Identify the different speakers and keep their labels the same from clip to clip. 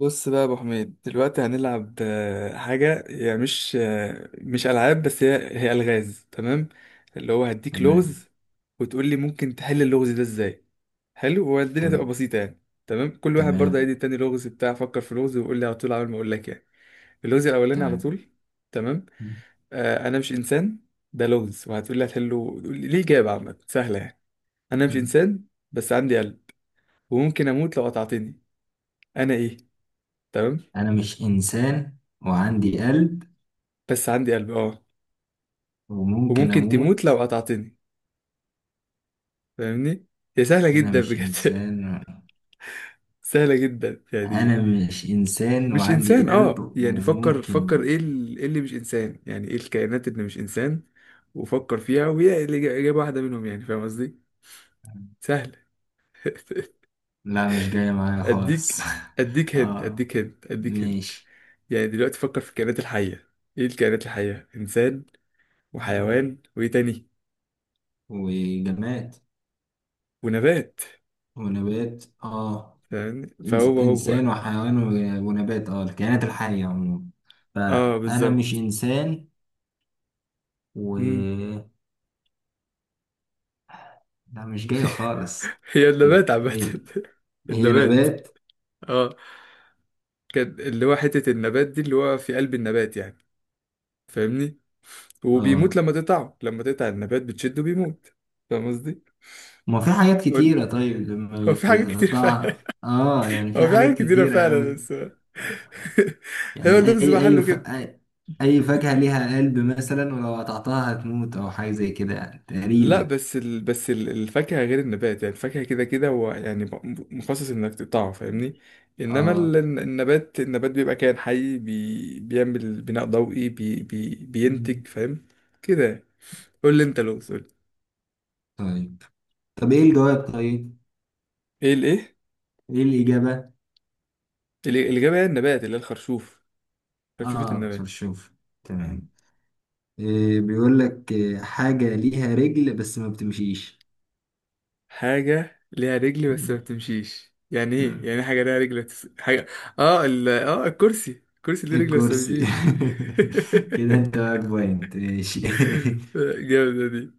Speaker 1: بص بقى يا ابو حميد دلوقتي هنلعب حاجه، هي مش العاب، بس هي الغاز. تمام، اللي هو هديك
Speaker 2: تمام.
Speaker 1: لغز وتقول لي ممكن تحل اللغز ده ازاي. حلو، والدنيا تبقى
Speaker 2: تم-
Speaker 1: بسيطه يعني. تمام، كل واحد برضه
Speaker 2: تمام
Speaker 1: هيدي التاني لغز. بتاع فكر في لغز ويقول لي على طول، عمال ما اقول لك يعني. اللغز الاولاني على
Speaker 2: تمام.
Speaker 1: طول. تمام. انا مش انسان. ده لغز، وهتقول لي هتحله، تقول لي ليه اجابه عامه سهله يعني. انا مش
Speaker 2: مم.
Speaker 1: انسان، بس عندي قلب، وممكن اموت لو قطعتني. انا ايه؟ تمام.
Speaker 2: أنا مش إنسان وعندي قلب
Speaker 1: بس عندي قلب، اه.
Speaker 2: وممكن
Speaker 1: وممكن تموت لو
Speaker 2: أموت.
Speaker 1: قطعتني. فاهمني؟ هي سهلة
Speaker 2: أنا
Speaker 1: جدا
Speaker 2: مش
Speaker 1: بجد.
Speaker 2: إنسان.
Speaker 1: سهلة جدا يعني.
Speaker 2: أنا مش إنسان
Speaker 1: مش
Speaker 2: وعندي
Speaker 1: إنسان،
Speaker 2: قلب
Speaker 1: اه. يعني فكر،
Speaker 2: وممكن.
Speaker 1: إيه اللي مش إنسان؟ يعني ايه الكائنات اللي مش إنسان؟ وفكر فيها، وهي إجابة واحدة منهم، يعني فاهم قصدي؟ سهلة.
Speaker 2: لا، مش جاية معايا
Speaker 1: أديك.
Speaker 2: خالص.
Speaker 1: أديك هنت
Speaker 2: آه.
Speaker 1: أديك هنت أديك هنت
Speaker 2: ماشي.
Speaker 1: يعني دلوقتي فكر في الكائنات الحية. ايه الكائنات الحية؟ إنسان، وحيوان، وايه تاني؟
Speaker 2: وجماد.
Speaker 1: ونبات.
Speaker 2: ونبات، آه.
Speaker 1: فاهمني؟ فهو هو
Speaker 2: إنسان وحيوان ونبات، آه، الكائنات الحية عموما.
Speaker 1: اه،
Speaker 2: فأنا مش
Speaker 1: بالظبط.
Speaker 2: إنسان و.
Speaker 1: مم.
Speaker 2: لا، مش جاية خالص.
Speaker 1: هي النبات عامة.
Speaker 2: هي هي
Speaker 1: النبات،
Speaker 2: نبات.
Speaker 1: اه. كان اللي هو حتة النبات دي، اللي هو في قلب النبات يعني. فاهمني؟ وبيموت
Speaker 2: اه،
Speaker 1: لما تقطعه، لما تقطع النبات بتشده بيموت. فاهم قصدي؟
Speaker 2: ما في حاجات
Speaker 1: قول.
Speaker 2: كتيرة طيب
Speaker 1: هو
Speaker 2: لما
Speaker 1: في حاجات كتير فعلا.
Speaker 2: بتقطعها، يعني في
Speaker 1: هو في
Speaker 2: حاجات
Speaker 1: حاجات كتيرة
Speaker 2: كتيرة
Speaker 1: فعلا،
Speaker 2: أوي.
Speaker 1: بس هو
Speaker 2: يعني
Speaker 1: اللغز
Speaker 2: أي أي
Speaker 1: محله
Speaker 2: ف...
Speaker 1: كده.
Speaker 2: أي أي فاكهة ليها قلب مثلا، ولو قطعتها هتموت أو حاجة زي كده، يعني
Speaker 1: لا،
Speaker 2: تقريبا.
Speaker 1: الفاكهة غير النبات. يعني الفاكهة كده كده هو يعني مخصص انك تقطعه، فاهمني؟ انما
Speaker 2: اه.
Speaker 1: النبات بيبقى كائن حي، بيعمل بناء ضوئي،
Speaker 2: مم.
Speaker 1: بينتج. فاهم؟ كده يعني. قول لي انت لو سؤال.
Speaker 2: طيب طب إيه الجواب طيب؟
Speaker 1: ايه الايه
Speaker 2: إيه الإجابة؟
Speaker 1: الإجابة هي النبات، اللي هي الخرشوف. خرشوفة
Speaker 2: اه،
Speaker 1: النبات.
Speaker 2: خرشوف. تمام. إيه بيقول لك إيه، حاجة ليها رجل بس ما بتمشيش.
Speaker 1: حاجة ليها رجل بس
Speaker 2: مم.
Speaker 1: ما بتمشيش. يعني ايه؟
Speaker 2: مم.
Speaker 1: يعني إيه حاجة ليها رجل بس؟ حاجة. اه الكرسي. الكرسي ليه رجل بس ما
Speaker 2: الكرسي.
Speaker 1: بيمشيش.
Speaker 2: كده انت معاك بوينت، ماشي.
Speaker 1: جامدة دي.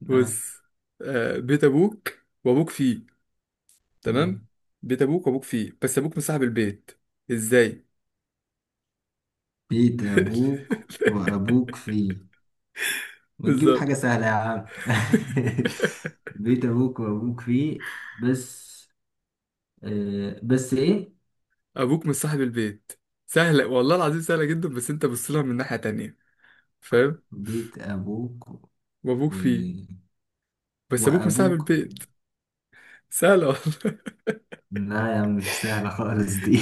Speaker 2: آه.
Speaker 1: بص. بيت أبوك وأبوك فيه. تمام. بيت أبوك وأبوك فيه، بس أبوك مصاحب البيت. إزاي؟
Speaker 2: بيت ابوك وابوك فيه. ما تجيب حاجة
Speaker 1: بالظبط.
Speaker 2: سهلة يا عم. بيت ابوك وابوك فيه بس. آه، بس ايه.
Speaker 1: أبوك مصاحب البيت. سهلة والله العظيم، سهلة جدا، بس أنت بص لها من ناحية تانية. فاهم؟
Speaker 2: بيت ابوك
Speaker 1: وأبوك
Speaker 2: و...
Speaker 1: فيه، بس أبوك مصاحب
Speaker 2: وابوك.
Speaker 1: البيت. سهلة والله.
Speaker 2: لا يا عم، مش سهلة خالص دي.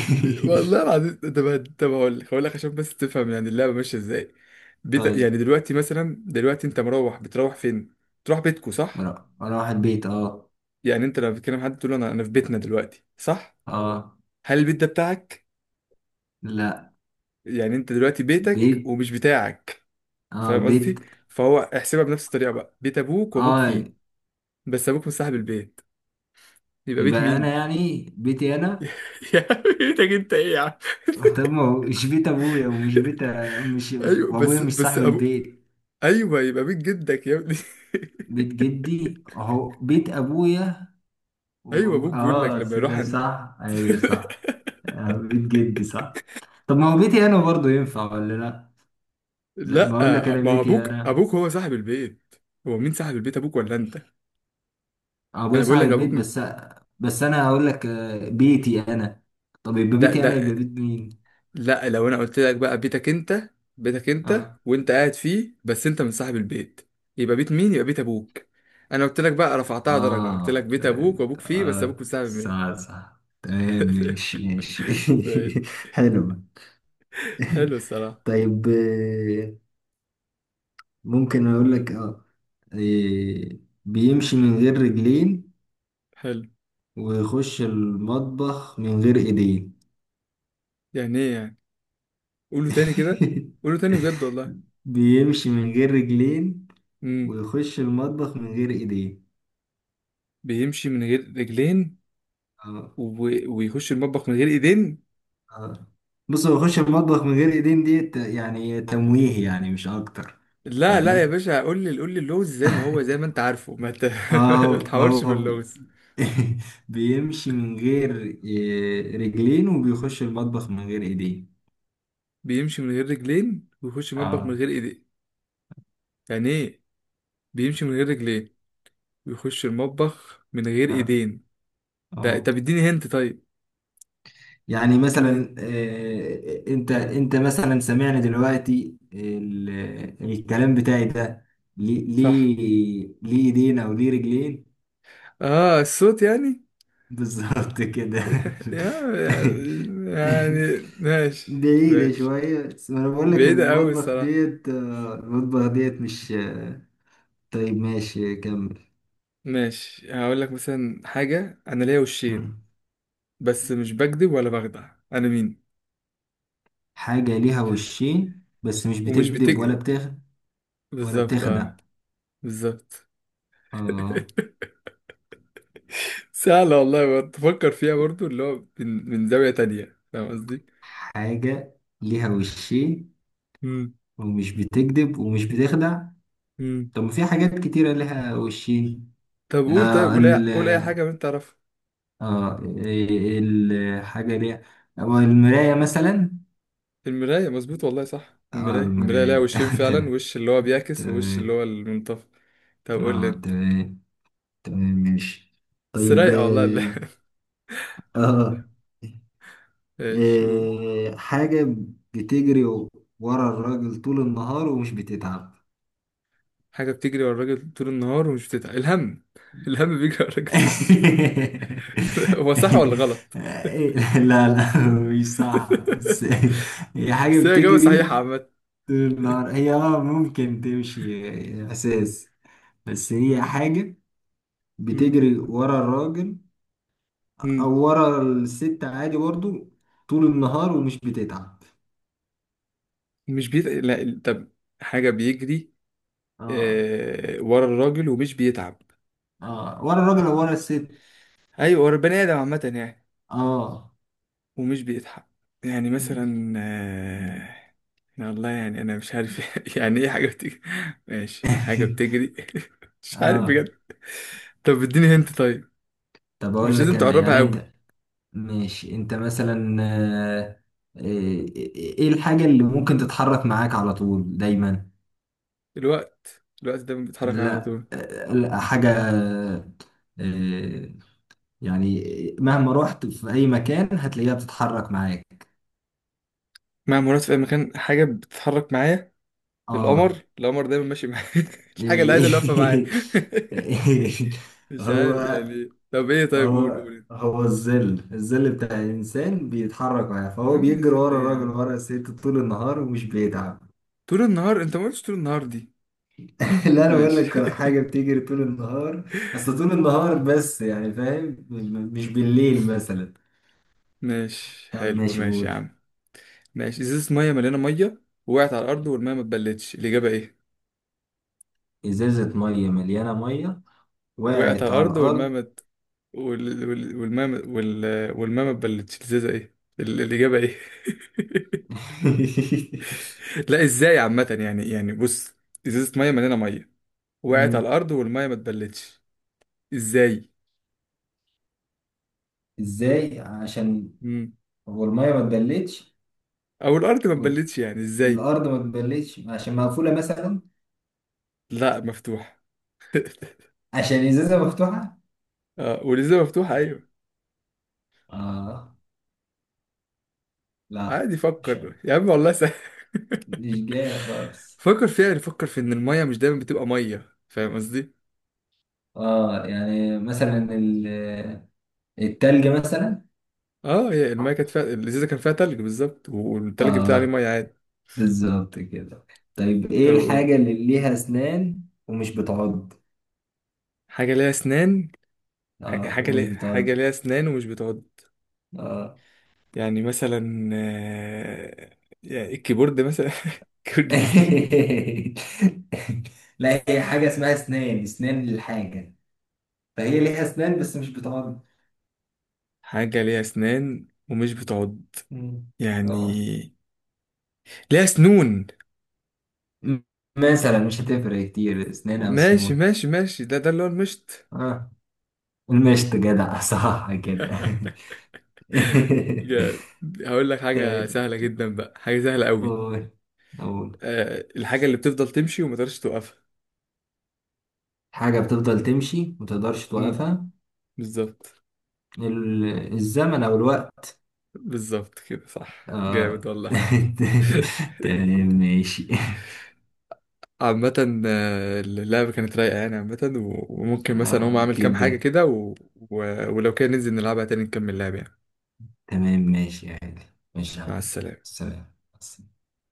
Speaker 1: والله العظيم. طب هقول لك، هقول لك عشان بس تفهم يعني اللعبه ماشيه ازاي. بيت، يعني
Speaker 2: طيب.
Speaker 1: دلوقتي مثلا، دلوقتي انت مروح، بتروح فين؟ تروح بيتكو، صح؟
Speaker 2: اروح البيت، اه.
Speaker 1: يعني انت لما بتتكلم مع حد تقول له انا انا في بيتنا دلوقتي، صح؟
Speaker 2: اه.
Speaker 1: هل البيت ده بتاعك؟
Speaker 2: لا.
Speaker 1: يعني انت دلوقتي بيتك
Speaker 2: بيت.
Speaker 1: ومش بتاعك.
Speaker 2: اه،
Speaker 1: فاهم قصدي؟
Speaker 2: بيت.
Speaker 1: فهو احسبها بنفس الطريقه بقى. بيت ابوك وابوك
Speaker 2: اه.
Speaker 1: فيه بس ابوك مش صاحب البيت، يبقى بيت
Speaker 2: يبقى انا،
Speaker 1: مين؟
Speaker 2: يعني بيتي انا.
Speaker 1: يا عم بيتك انت ايه يا عم؟
Speaker 2: طب ما هو مش بيت ابويا ومش بيت. مش
Speaker 1: ايوه،
Speaker 2: وابويا
Speaker 1: بس
Speaker 2: مش
Speaker 1: بس
Speaker 2: صاحب
Speaker 1: ابو،
Speaker 2: البيت.
Speaker 1: ايوه يبقى بيت جدك يا ابني.
Speaker 2: بيت جدي اهو بيت ابويا.
Speaker 1: ايوه، ابوك بيقول لك
Speaker 2: اه،
Speaker 1: لما يروح
Speaker 2: ده
Speaker 1: عند.
Speaker 2: صح، ايوه، صح. آه، بيت جدي صح. طب ما هو بيتي انا برضه ينفع ولا لا؟ لا،
Speaker 1: لا،
Speaker 2: بقول لك انا
Speaker 1: ما هو
Speaker 2: بيتي
Speaker 1: ابوك،
Speaker 2: انا.
Speaker 1: هو صاحب البيت. هو مين صاحب البيت، ابوك ولا انت؟
Speaker 2: ابويا
Speaker 1: انا بقول
Speaker 2: صاحب
Speaker 1: لك
Speaker 2: البيت
Speaker 1: ابوك مش.
Speaker 2: بس. بس انا هقول لك، آه، بيتي انا. طب يبقى
Speaker 1: ده
Speaker 2: بيتي انا
Speaker 1: ده
Speaker 2: يبقى بيت مين؟
Speaker 1: لا، لو انا قلت لك بقى بيتك انت، بيتك انت
Speaker 2: آه.
Speaker 1: وانت قاعد فيه بس انت من صاحب البيت، يبقى بيت مين؟ يبقى بيت ابوك. انا قلت لك بقى رفعتها درجة، قلت لك
Speaker 2: آه.
Speaker 1: بيت ابوك وابوك فيه بس
Speaker 2: آه،
Speaker 1: ابوك مش صاحب مين.
Speaker 2: صح، صح، تمام، ماشي ماشي. حلو.
Speaker 1: حلو الصراحة.
Speaker 2: طيب، ممكن أقول لك
Speaker 1: امم
Speaker 2: آه آه، بيمشي من غير رجلين
Speaker 1: حلو.
Speaker 2: ويخش المطبخ من غير إيدين.
Speaker 1: يعني ايه يعني؟ قوله تاني كده. قوله تاني بجد والله.
Speaker 2: بيمشي من غير رجلين
Speaker 1: امم.
Speaker 2: ويخش المطبخ من غير إيدين.
Speaker 1: بيمشي من غير رجلين،
Speaker 2: آه.
Speaker 1: و... ويخش المطبخ من غير ايدين.
Speaker 2: آه بص، هو يخش المطبخ من غير إيدين دي يعني تمويه يعني، مش أكتر.
Speaker 1: لا لا يا
Speaker 2: تمام.
Speaker 1: باشا، قول لي، قول لي اللغز زي ما هو، زي ما انت عارفه، ما ت- ما
Speaker 2: اه،
Speaker 1: تحورش في
Speaker 2: هو
Speaker 1: اللغز.
Speaker 2: بيمشي من غير رجلين، وبيخش المطبخ من غير ايدين.
Speaker 1: بيمشي من غير رجلين ويخش المطبخ من
Speaker 2: اه.
Speaker 1: غير ايدين. يعني ايه؟ بيمشي من غير رجلين ويخش المطبخ من غير
Speaker 2: اه.
Speaker 1: ايدين. ده
Speaker 2: اه
Speaker 1: طب اديني هنت طيب.
Speaker 2: يعني
Speaker 1: اديني هنت.
Speaker 2: مثلا، انت مثلا، سمعنا دلوقتي الكلام بتاعي ده. ليه
Speaker 1: صح.
Speaker 2: ليه ليه ايدين او ليه رجلين؟
Speaker 1: اه الصوت يعني.
Speaker 2: بالظبط كده.
Speaker 1: يعني. يعني ماشي.
Speaker 2: بعيدة
Speaker 1: ماشي.
Speaker 2: شوية، بس ما انا بقول لك
Speaker 1: بعيدة قوي الصراحة.
Speaker 2: المطبخ ديت مش طيب ماشي، كمل.
Speaker 1: ماشي، هقول لك مثلا حاجة. انا ليا وشين
Speaker 2: مم.
Speaker 1: بس مش بكذب ولا بخدع، انا مين؟
Speaker 2: حاجة ليها وشين بس مش
Speaker 1: ومش
Speaker 2: بتكذب
Speaker 1: بتك.
Speaker 2: ولا
Speaker 1: بالظبط،
Speaker 2: بتخدع.
Speaker 1: اه. بالظبط.
Speaker 2: اه.
Speaker 1: سهلة والله. تفكر فيها برضو اللي هو من زاوية تانية، فاهم قصدي؟
Speaker 2: حاجة ليها وشين
Speaker 1: مم.
Speaker 2: ومش بتكذب ومش بتخدع.
Speaker 1: مم.
Speaker 2: طب ما في حاجات كتيرة ليها وشين.
Speaker 1: طب قول، طيب
Speaker 2: اه
Speaker 1: قول أي،
Speaker 2: ال
Speaker 1: قول أي حاجة من تعرفها.
Speaker 2: الحاجة ليها، أو المراية مثلا.
Speaker 1: المراية، مظبوط والله، صح.
Speaker 2: اه،
Speaker 1: المراية، ليها
Speaker 2: المراية.
Speaker 1: وشين فعلا،
Speaker 2: تمام.
Speaker 1: وش اللي هو بيعكس ووش اللي
Speaker 2: تمام
Speaker 1: هو المنطفئ. طب قول لي
Speaker 2: اه
Speaker 1: أنت.
Speaker 2: تمام تمام ماشي.
Speaker 1: بس
Speaker 2: طيب
Speaker 1: رايقة والله، لا.
Speaker 2: آه.
Speaker 1: ماشي، قول.
Speaker 2: حاجة بتجري ورا الراجل طول النهار ومش بتتعب.
Speaker 1: حاجة بتجري ورا الراجل طول النهار ومش بتتعب. الهم. الهم بيجري ورا الراجل طول. هو صح ولا غلط؟
Speaker 2: لا، لا، مش صح، بس. هي حاجة
Speaker 1: بس هي إجابة صحيحة
Speaker 2: بتجري
Speaker 1: عامة.
Speaker 2: طول النهار. هي ممكن تمشي، اساس. بس هي
Speaker 1: مم.
Speaker 2: حاجة
Speaker 1: مم.
Speaker 2: بتجري ورا الراجل
Speaker 1: مم.
Speaker 2: أو ورا الست عادي برضو، طول النهار ومش بتتعب.
Speaker 1: مش بيت... لا ال- طب. حاجة بيجري،
Speaker 2: اه.
Speaker 1: ورا الراجل ومش بيتعب.
Speaker 2: اه، ورا الراجل او ورا الست.
Speaker 1: أيوة، ورا البني آدم عامة يعني،
Speaker 2: اه.
Speaker 1: ومش بيتعب. يعني مثلا يا الله، يعني أنا مش عارف. يعني إيه حاجة بتجري؟ ماشي، حاجة بتجري. مش عارف
Speaker 2: اه.
Speaker 1: بجد. طب اديني هنت طيب.
Speaker 2: طب
Speaker 1: مش
Speaker 2: اقول لك
Speaker 1: لازم
Speaker 2: انا،
Speaker 1: تقربها
Speaker 2: يعني
Speaker 1: قوي.
Speaker 2: انت. ماشي، انت مثلا، ايه، الحاجة اللي ممكن تتحرك معاك على طول دايما؟
Speaker 1: الوقت، دايما بيتحرك معايا على
Speaker 2: لا،
Speaker 1: طول.
Speaker 2: لا حاجة، آه، يعني مهما رحت في اي مكان هتلاقيها بتتحرك معاك.
Speaker 1: مع مرات في أي مكان، حاجة بتتحرك معايا. القمر،
Speaker 2: اه.
Speaker 1: دايما ماشي معايا. الحاجة الوحيدة اللي واقفة معايا.
Speaker 2: إيه-
Speaker 1: مش
Speaker 2: هو
Speaker 1: عارف يعني. طب ايه؟ طيب قول، انت.
Speaker 2: هو الظل بتاع الإنسان بيتحرك معاه،
Speaker 1: يا
Speaker 2: فهو
Speaker 1: عم
Speaker 2: بيجري
Speaker 1: زل
Speaker 2: ورا
Speaker 1: ايه يا
Speaker 2: الراجل،
Speaker 1: عم؟
Speaker 2: ورا الست، طول النهار ومش بيتعب.
Speaker 1: طول النهار، انت ما قلتش طول النهار دي.
Speaker 2: اللي انا بقول
Speaker 1: ماشي.
Speaker 2: لك حاجه بتجري طول النهار، اصل طول النهار بس، يعني فاهم، مش بالليل مثلا.
Speaker 1: ماشي،
Speaker 2: طب
Speaker 1: حلو،
Speaker 2: ماشي،
Speaker 1: ماشي يا
Speaker 2: قول.
Speaker 1: عم. ماشي. ازازة مية مليانة مية وقعت على الأرض والمية ما اتبلتش، الإجابة ايه؟
Speaker 2: ازازه ميه مليانه، ميه
Speaker 1: وقعت
Speaker 2: وقعت
Speaker 1: على
Speaker 2: على
Speaker 1: الأرض والمية
Speaker 2: الارض.
Speaker 1: ما ات- وال... وال... والمية ما- وال... والمية ما اتبلتش، الإجابة ايه؟ لا، ازاي عامة يعني. يعني بص، إزازة مية مليانة مية وقعت على
Speaker 2: مم.
Speaker 1: الأرض والمية ما اتبلتش، ازاي؟
Speaker 2: ازاي؟ عشان
Speaker 1: مم.
Speaker 2: هو الميه ما اتبلتش
Speaker 1: أو الأرض ما
Speaker 2: وال-
Speaker 1: اتبلتش يعني، ازاي؟
Speaker 2: الارض ما اتبلتش، عشان مقفوله مثلا.
Speaker 1: لا، مفتوحة.
Speaker 2: عشان ازازه مفتوحه.
Speaker 1: اه، ولسه مفتوحة، ايوه.
Speaker 2: اه. لا.
Speaker 1: عادي،
Speaker 2: مش
Speaker 1: فكر
Speaker 2: عارف.
Speaker 1: يا عم والله سهل.
Speaker 2: مش جايه خالص.
Speaker 1: فكر فيها، يعني فكر في ان المية مش دايما بتبقى مية، فاهم قصدي؟
Speaker 2: اه يعني مثلا، التلج مثلا.
Speaker 1: اه، هي المية كانت فيها، الازازة كان فيها تلج، بالظبط، والتلج بتاع عليه
Speaker 2: اه،
Speaker 1: مية عادي.
Speaker 2: بالظبط كده. طيب
Speaker 1: طب
Speaker 2: ايه
Speaker 1: قول.
Speaker 2: الحاجة اللي ليها اسنان ومش بتعض؟
Speaker 1: حاجة ليها اسنان.
Speaker 2: اه ومش بتعض.
Speaker 1: حاجة ليها اسنان ومش بتعض.
Speaker 2: اه.
Speaker 1: يعني مثلا يعني الكيبورد مثلا. الكيبورد ليه اسنان.
Speaker 2: لا، هي حاجة اسمها اسنان، اسنان للحاجة. فهي ليها اسنان بس مش بتعض.
Speaker 1: حاجة ليها اسنان ومش بتعض.
Speaker 2: مم. اه.
Speaker 1: يعني ليها سنون.
Speaker 2: م- مثلا مش هتفرق كتير، اسنان او
Speaker 1: ماشي
Speaker 2: سنون.
Speaker 1: ماشي ماشي. ده اللي هو المشط.
Speaker 2: اه، المشط، جدع، صح كده.
Speaker 1: جامد. هقول لك حاجة
Speaker 2: طيب،
Speaker 1: سهلة جدا بقى، حاجة سهلة قوي.
Speaker 2: قول قول.
Speaker 1: أه، الحاجة اللي بتفضل تمشي وما تقدرش توقفها.
Speaker 2: حاجة بتفضل تمشي متقدرش
Speaker 1: مم،
Speaker 2: توقفها.
Speaker 1: بالظبط.
Speaker 2: الزمن او الوقت.
Speaker 1: بالظبط كده، صح، جامد
Speaker 2: اه.
Speaker 1: والله.
Speaker 2: تمام ماشي.
Speaker 1: عامة اللعبة كانت رايقة يعني عامة، وممكن مثلا أقوم
Speaker 2: اه،
Speaker 1: أعمل كام حاجة
Speaker 2: جدا.
Speaker 1: كده ولو كان ننزل نلعبها تاني نكمل لعب يعني.
Speaker 2: تمام ماشي يعني. ماشي يا
Speaker 1: مع
Speaker 2: حبيبي.
Speaker 1: السلامة.
Speaker 2: سلام.